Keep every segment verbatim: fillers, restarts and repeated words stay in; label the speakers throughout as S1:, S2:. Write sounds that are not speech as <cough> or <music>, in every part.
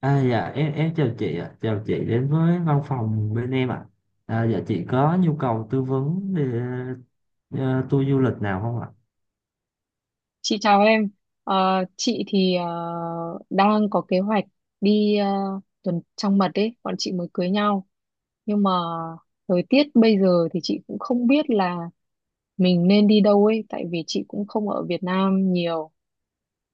S1: À, dạ em em chào chị ạ, chào chị đến với văn phòng bên em ạ. À, dạ chị có nhu cầu tư vấn để ờ, tour du lịch nào không ạ?
S2: Chị chào em. Ờ, chị thì ờ, đang có kế hoạch đi ờ, tuần trăng mật đấy, bọn chị mới cưới nhau. Nhưng mà thời tiết bây giờ thì chị cũng không biết là mình nên đi đâu ấy, tại vì chị cũng không ở Việt Nam nhiều.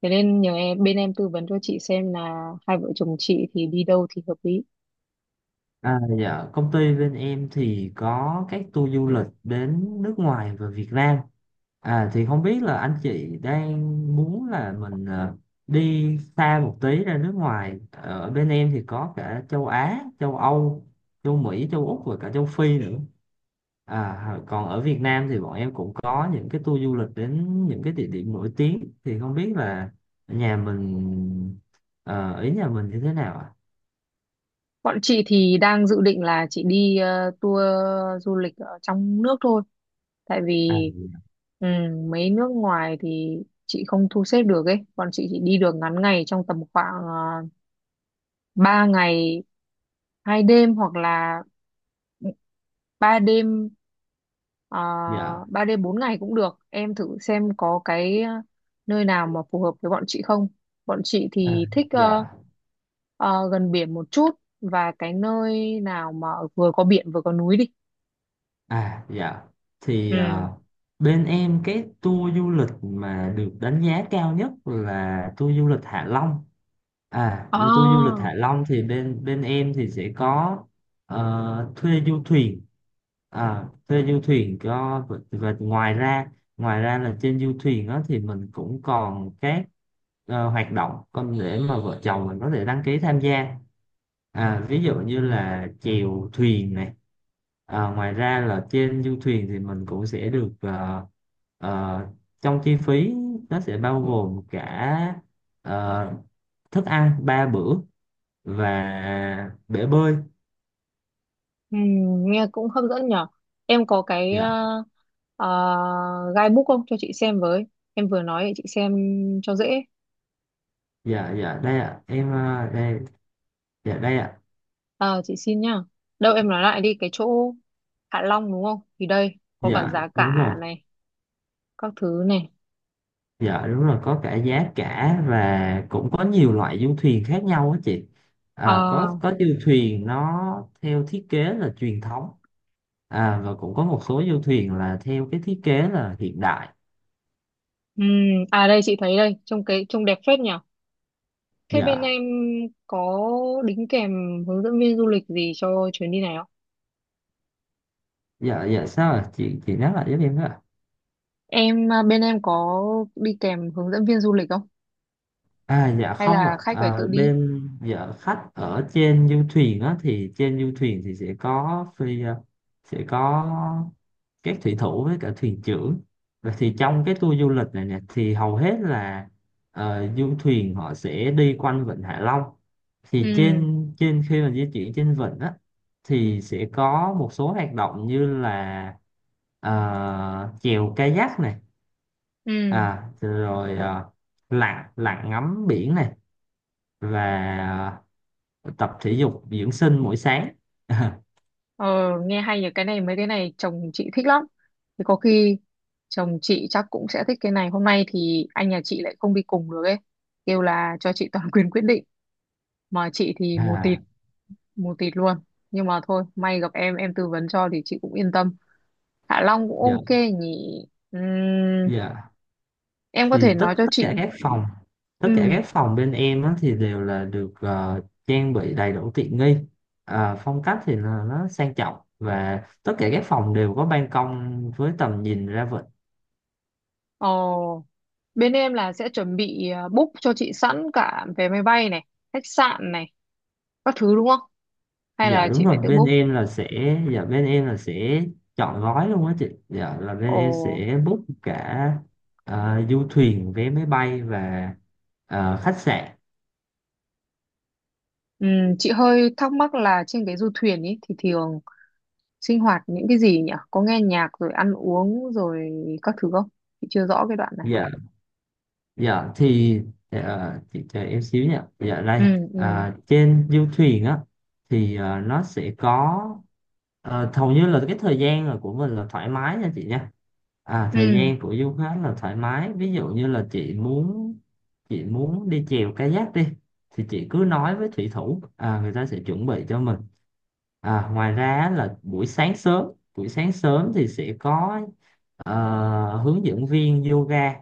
S2: Thế nên nhờ em, bên em tư vấn cho chị xem là hai vợ chồng chị thì đi đâu thì hợp lý.
S1: À, dạ công ty bên em thì có các tour du lịch đến nước ngoài và Việt Nam. À, thì không biết là anh chị đang muốn là mình ờ, đi xa một tí ra nước ngoài. Ở bên em thì có cả châu Á, châu Âu, châu Mỹ, châu Úc và cả châu Phi nữa. À, còn ở Việt Nam thì bọn em cũng có những cái tour du lịch đến những cái địa điểm nổi tiếng, thì không biết là nhà mình ờ, ý nhà mình như thế nào ạ?
S2: Bọn chị thì đang dự định là chị đi ờ, tour du lịch ở trong nước thôi. Tại
S1: À,
S2: vì ừ, mấy nước ngoài thì chị không thu xếp được ấy. Bọn chị chỉ đi được ngắn ngày trong tầm khoảng uh, ba ngày hai đêm hoặc là ba đêm
S1: dạ.
S2: uh, ba đêm bốn ngày cũng được. Em thử xem có cái ờ, nơi nào mà phù hợp với bọn chị không. Bọn chị
S1: À,
S2: thì thích ờ,
S1: dạ.
S2: ờ, gần biển một chút và cái nơi nào mà vừa có biển vừa có núi đi.
S1: À, dạ. Thì
S2: Ừ.
S1: ờ, bên em cái tour du lịch mà được đánh giá cao nhất là tour du lịch Hạ Long. À, với tour du lịch
S2: À,
S1: Hạ Long thì bên bên em thì sẽ có ờ, thuê du thuyền. À, thuê du thuyền cho và, và ngoài ra ngoài ra là trên du thuyền đó thì mình cũng còn các ờ, hoạt động con để mà vợ chồng mình có thể đăng ký tham gia. À, ví dụ như là chèo thuyền này. À, ngoài ra là trên du thuyền thì mình cũng sẽ được, ờ, ờ, trong chi phí nó sẽ bao gồm cả ờ, thức ăn ba bữa và bể bơi.
S2: ừ, nghe cũng hấp dẫn nhở. Em có cái
S1: Dạ,
S2: uh, uh, guidebook không cho chị xem với. Em vừa nói để chị xem cho dễ.
S1: dạ, dạ, đây ạ em. ờ, Đây, dạ đây ạ.
S2: Ờ, chị xin nhá. Đâu em nói lại đi cái chỗ Hạ Long đúng không? Thì đây có cả
S1: Dạ
S2: giá
S1: đúng
S2: cả
S1: rồi.
S2: này, các thứ này.
S1: Dạ đúng rồi, có cả giá cả và cũng có nhiều loại du thuyền khác nhau á chị. À,
S2: À,
S1: có có du thuyền nó theo thiết kế là truyền thống, à, và cũng có một số du thuyền là theo cái thiết kế là hiện đại.
S2: ừm, à đây chị thấy đây, trông cái trông đẹp phết nhở. Thế bên
S1: Dạ,
S2: em có đính kèm hướng dẫn viên du lịch gì cho chuyến đi này không?
S1: dạ, dạ, sao ạ? Chị chị nhắc lại giúp em với ạ.
S2: Em à, bên em có đi kèm hướng dẫn viên du lịch không?
S1: À, dạ
S2: Hay
S1: không
S2: là
S1: ạ.
S2: khách phải
S1: à,
S2: tự đi?
S1: bên dạ khách ở trên du thuyền á, thì trên du thuyền thì sẽ có phi à, sẽ có các thủy thủ với cả thuyền trưởng. Và thì trong cái tour du lịch này nè thì hầu hết là ờ, du thuyền họ sẽ đi quanh vịnh Hạ Long. Thì
S2: Ừ.
S1: trên trên khi mà di chuyển trên vịnh á thì sẽ có một số hoạt động như là ờ, chèo kayak này,
S2: Ừ.
S1: à, rồi ờ, lặn lặn ngắm biển này, và ờ, tập thể dục dưỡng sinh mỗi sáng <laughs>
S2: ờ, Nghe hay nhỉ, cái này mấy cái này chồng chị thích lắm, thì có khi chồng chị chắc cũng sẽ thích cái này. Hôm nay thì anh nhà chị lại không đi cùng được ấy, kêu là cho chị toàn <laughs> quyền quyết định, mà chị thì mù tịt,
S1: à,
S2: mù tịt luôn. Nhưng mà thôi, may gặp em em tư vấn cho thì chị cũng yên tâm. Hạ Long cũng
S1: dạ.
S2: ok nhỉ. Ừm,
S1: Dạ,
S2: em có
S1: thì
S2: thể
S1: tất
S2: nói cho
S1: tất
S2: chị.
S1: cả các phòng tất cả
S2: Ừm.
S1: các phòng bên em á, thì đều là được ờ, trang bị đầy đủ tiện nghi. À, phong cách thì là nó sang trọng, và tất cả các phòng đều có ban công với tầm nhìn ra vịnh.
S2: Ồ, bên em là sẽ chuẩn bị à, book cho chị sẵn cả vé máy bay này, khách sạn này, các thứ đúng không? Hay
S1: dạ
S2: là
S1: đúng
S2: chị phải
S1: rồi
S2: tự
S1: bên
S2: book?
S1: em là sẽ dạ bên em là sẽ chọn gói luôn á chị. Dạ, là bên em
S2: Ồ,
S1: sẽ book cả ờ, du thuyền, vé máy bay và ờ, khách sạn.
S2: ừm, chị hơi thắc mắc là trên cái du thuyền ấy thì thường sinh hoạt những cái gì nhỉ? Có nghe nhạc rồi ăn uống rồi các thứ không? Chị chưa rõ cái đoạn này.
S1: Dạ, dạ, thì ờ, chị chờ em xíu nha. Dạ, đây.
S2: Ừ. Ừ.
S1: À, trên du thuyền á, thì ờ, nó sẽ có ờ, hầu như là cái thời gian là của mình là thoải mái nha chị nha. À, thời
S2: Ừ.
S1: gian của du khách là thoải mái, ví dụ như là chị muốn chị muốn đi chèo kayak đi, thì chị cứ nói với thủy thủ, à, người ta sẽ chuẩn bị cho mình. À, ngoài ra là buổi sáng sớm buổi sáng sớm thì sẽ có ờ, hướng dẫn viên yoga.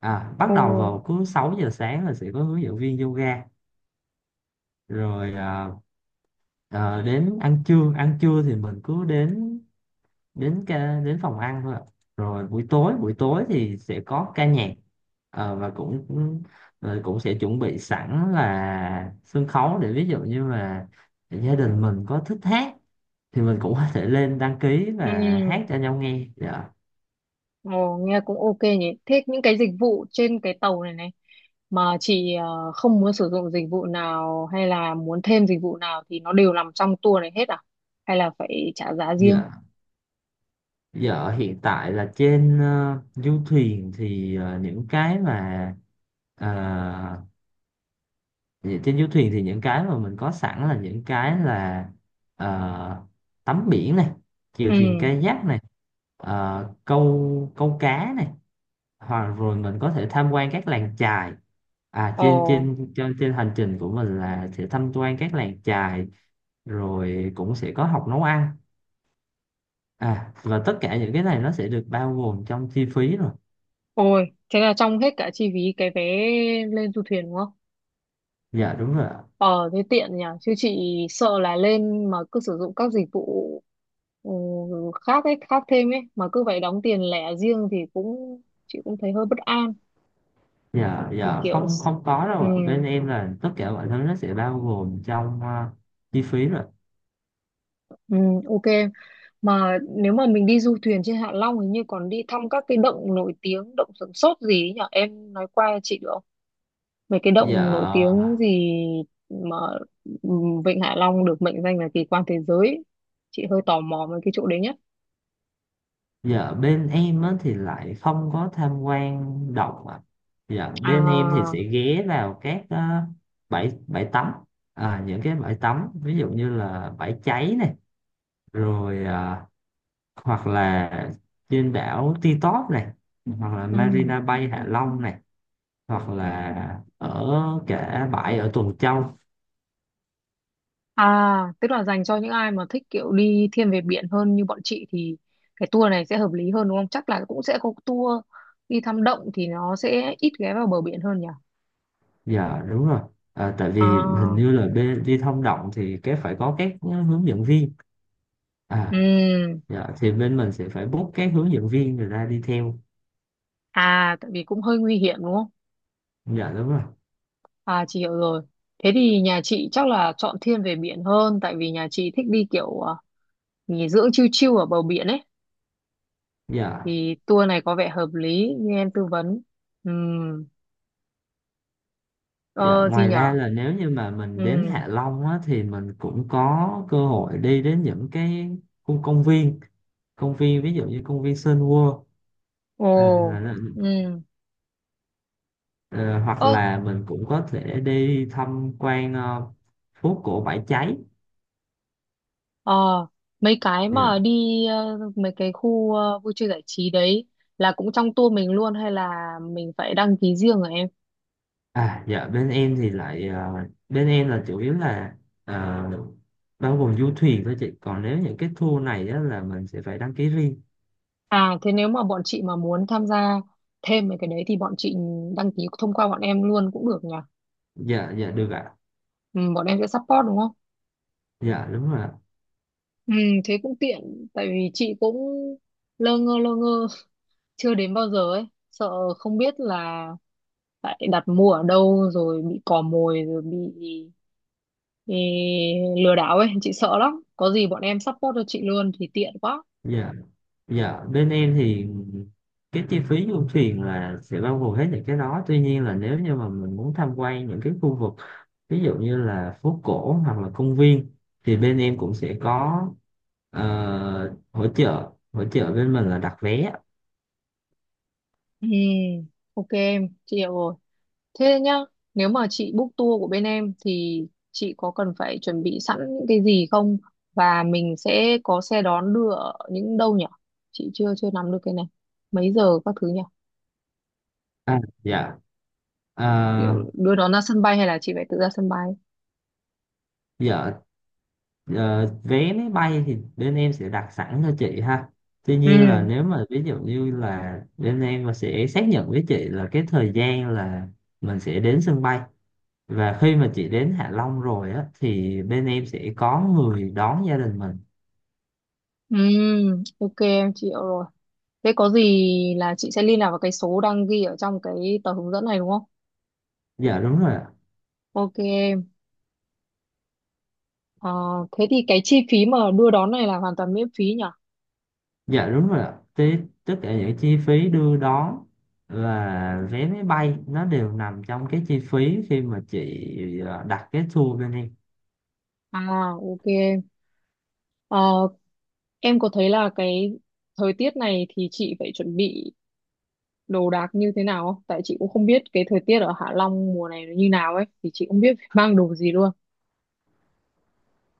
S1: À, bắt
S2: Ồ.
S1: đầu vào cứ sáu giờ sáng là sẽ có hướng dẫn viên yoga. Rồi à, à, đến ăn trưa, ăn trưa thì mình cứ đến đến ca, đến phòng ăn thôi ạ. Rồi buổi tối, buổi tối thì sẽ có ca nhạc. Ờ, và cũng cũng- Rồi cũng sẽ chuẩn bị sẵn là sân khấu để ví dụ như là gia đình mình có thích hát thì mình cũng có thể lên đăng ký và
S2: Ừ.
S1: hát cho nhau nghe. Dạ.
S2: Ồ, nghe cũng ok nhỉ. Thế những cái dịch vụ trên cái tàu này này mà chị ờ, không muốn sử dụng dịch vụ nào, hay là muốn thêm dịch vụ nào, thì nó đều nằm trong tour này hết à, hay là phải trả giá riêng?
S1: Dạ, giờ ở hiện tại là trên ờ, du thuyền thì, ờ, những cái mà ờ, vậy trên du thuyền thì những cái mà mình có sẵn là những cái là ờ, tắm biển này, chèo thuyền
S2: Ừ.
S1: kayak này, ờ, câu câu cá này, hoặc rồi mình có thể tham quan các làng chài. À, trên
S2: Ồ.
S1: trên trên trên hành trình của mình là sẽ tham quan các làng chài, rồi cũng sẽ có học nấu ăn. À, và tất cả những cái này nó sẽ được bao gồm trong chi phí rồi.
S2: Ôi thế là trong hết cả chi phí cái vé lên du thuyền đúng không?
S1: Dạ đúng rồi ạ.
S2: Ờ thế tiện nhỉ, chứ chị sợ là lên mà cứ sử dụng các dịch vụ, ừ, khác ấy, khác thêm ấy, mà cứ phải đóng tiền lẻ riêng thì cũng, chị cũng thấy hơi bất an.
S1: Dạ,
S2: Thì
S1: dạ,
S2: kiểu,
S1: không không có
S2: ừ.
S1: đâu ạ, bên em là tất cả mọi thứ nó sẽ bao gồm trong ờ, chi phí rồi.
S2: Ừ, ok. Mà nếu mà mình đi du thuyền trên Hạ Long hình như còn đi thăm các cái động nổi tiếng, động Sửng Sốt gì ấy nhỉ, em nói qua chị được không, mấy cái
S1: Dạ.
S2: động nổi tiếng gì mà, ừ, Vịnh Hạ Long được mệnh danh là kỳ quan thế giới ấy. Chị hơi tò mò về cái chỗ đấy nhé.
S1: Dạ, bên em á, thì lại không có tham quan động ạ. Dạ, bên em thì
S2: À.
S1: sẽ ghé vào các ờ, bãi bãi tắm. À, những cái bãi tắm ví dụ như là bãi cháy này, rồi ờ, hoặc là trên đảo Ti Tóp này, hoặc là
S2: Ừ.
S1: Marina Bay Hạ Long này, hoặc là ở cả bãi ở Tuần Châu.
S2: À tức là dành cho những ai mà thích kiểu đi thiên về biển hơn như bọn chị thì cái tour này sẽ hợp lý hơn đúng không? Chắc là cũng sẽ có tour đi thăm động thì nó sẽ ít ghé vào bờ biển hơn nhỉ.
S1: Dạ đúng rồi. À, tại vì hình
S2: À.
S1: như là bên đi thông động thì cái phải có các hướng dẫn viên.
S2: Ừ.
S1: À, dạ thì bên mình sẽ phải book các hướng dẫn viên người ta đi theo.
S2: À tại vì cũng hơi nguy hiểm đúng không?
S1: Dạ đúng rồi.
S2: À chị hiểu rồi. Thế thì nhà chị chắc là chọn thiên về biển hơn, tại vì nhà chị thích đi kiểu à, nghỉ dưỡng chill chill ở bờ biển ấy,
S1: Dạ,
S2: thì tour này có vẻ hợp lý như em tư vấn. Ừ,
S1: dạ,
S2: ờ gì
S1: ngoài
S2: nhở?
S1: ra là nếu như mà
S2: Ừ.
S1: mình đến Hạ Long á, thì mình cũng có cơ hội đi đến những cái khu công viên, công viên ví dụ như công viên Sun World, à,
S2: Ồ.
S1: là, là,
S2: Ừ.
S1: ờ, hoặc
S2: Ơ.
S1: là mình cũng có thể đi tham quan ờ, phố cổ Bãi Cháy.
S2: ờ, Mấy cái
S1: Dạ.
S2: mà đi ờ, mấy cái khu ờ, vui chơi giải trí đấy là cũng trong tour mình luôn hay là mình phải đăng ký riêng rồi em?
S1: À, dạ, bên em thì lại ờ, bên em là chủ yếu là ờ, bao gồm du thuyền thôi chị, còn nếu những cái tour này á, là mình sẽ phải đăng ký riêng.
S2: À thế nếu mà bọn chị mà muốn tham gia thêm mấy cái đấy thì bọn chị đăng ký thông qua bọn em luôn cũng được nhỉ?
S1: Dạ, dạ được ạ.
S2: Ừ, bọn em sẽ support đúng không?
S1: Dạ đúng rồi ạ.
S2: Ừ, thế cũng tiện, tại vì chị cũng lơ ngơ lơ ngơ <laughs> chưa đến bao giờ ấy, sợ không biết là lại đặt mua ở đâu rồi bị cò mồi rồi bị, ê, lừa đảo ấy, chị sợ lắm. Có gì bọn em support cho chị luôn thì tiện quá.
S1: Dạ, dạ, bên em thì cái chi phí du thuyền là sẽ bao gồm hết những cái đó, tuy nhiên là nếu như mà mình muốn tham quan những cái khu vực ví dụ như là phố cổ hoặc là công viên thì bên em cũng sẽ có ờ, hỗ trợ hỗ trợ bên mình là đặt vé.
S2: Ừ, ok em, chị hiểu rồi. Thế nhá, nếu mà chị book tour của bên em thì chị có cần phải chuẩn bị sẵn những cái gì không? Và mình sẽ có xe đón đưa ở những đâu nhỉ? Chị chưa chưa nắm được cái này. Mấy giờ các thứ nhỉ?
S1: À, dạ. À,
S2: Kiểu đưa đón ra sân bay hay là chị phải tự ra sân bay?
S1: dạ. Ờ, vé máy bay thì bên em sẽ đặt sẵn cho chị ha. Tuy nhiên là
S2: Ừ.
S1: nếu mà ví dụ như là bên em mà sẽ xác nhận với chị là cái thời gian là mình sẽ đến sân bay, và khi mà chị đến Hạ Long rồi á thì bên em sẽ có người đón gia đình mình.
S2: Ừ, ok em chịu rồi. Thế có gì là chị sẽ liên lạc vào cái số đang ghi ở trong cái tờ hướng dẫn này đúng không?
S1: Dạ đúng rồi ạ.
S2: Ok em. Ờ, thế thì cái chi phí mà đưa đón này là hoàn toàn miễn phí nhỉ?
S1: Dạ đúng rồi ạ. Thế tất cả những chi phí đưa đón và vé máy bay nó đều nằm trong cái chi phí khi mà chị ờ, đặt cái tour bên em.
S2: À, ok. Ờ, em có thấy là cái thời tiết này thì chị phải chuẩn bị đồ đạc như thế nào không? Tại chị cũng không biết cái thời tiết ở Hạ Long mùa này nó như nào ấy, thì chị không biết phải mang đồ gì luôn.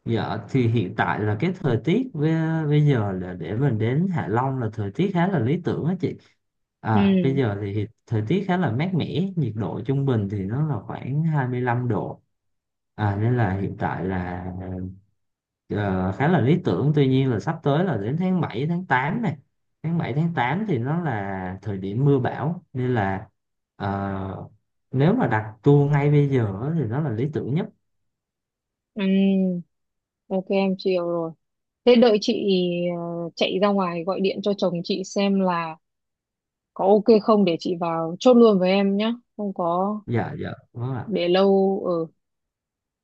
S1: Dạ, thì hiện tại là cái thời tiết với, bây giờ là để mình đến Hạ Long là thời tiết khá là lý tưởng á chị.
S2: Ừ.
S1: À, bây giờ thì hiện- thời tiết khá là mát mẻ, nhiệt độ trung bình thì nó là khoảng hai mươi lăm độ. À, nên là hiện tại là ờ, khá là lý tưởng. Tuy nhiên là sắp tới là đến tháng bảy, tháng tám này. Tháng bảy, tháng tám thì nó là thời điểm mưa bão, nên là ờ, nếu mà đặt tour ngay bây giờ á thì nó là lý tưởng nhất.
S2: Ừ, ok em chịu rồi. Thế đợi chị ờ, chạy ra ngoài gọi điện cho chồng chị xem là có ok không để chị vào chốt luôn với em nhá. Không có
S1: Dạ, dạ đúng ạ.
S2: để lâu, ừ.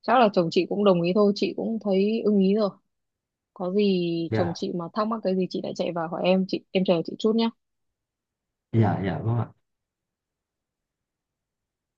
S2: Chắc là chồng chị cũng đồng ý thôi, chị cũng thấy ưng ý rồi. Có gì chồng
S1: Dạ.
S2: chị mà thắc mắc cái gì chị lại chạy vào hỏi em, chị em chờ chị chút nhá.
S1: Dạ, dạ vâng ạ.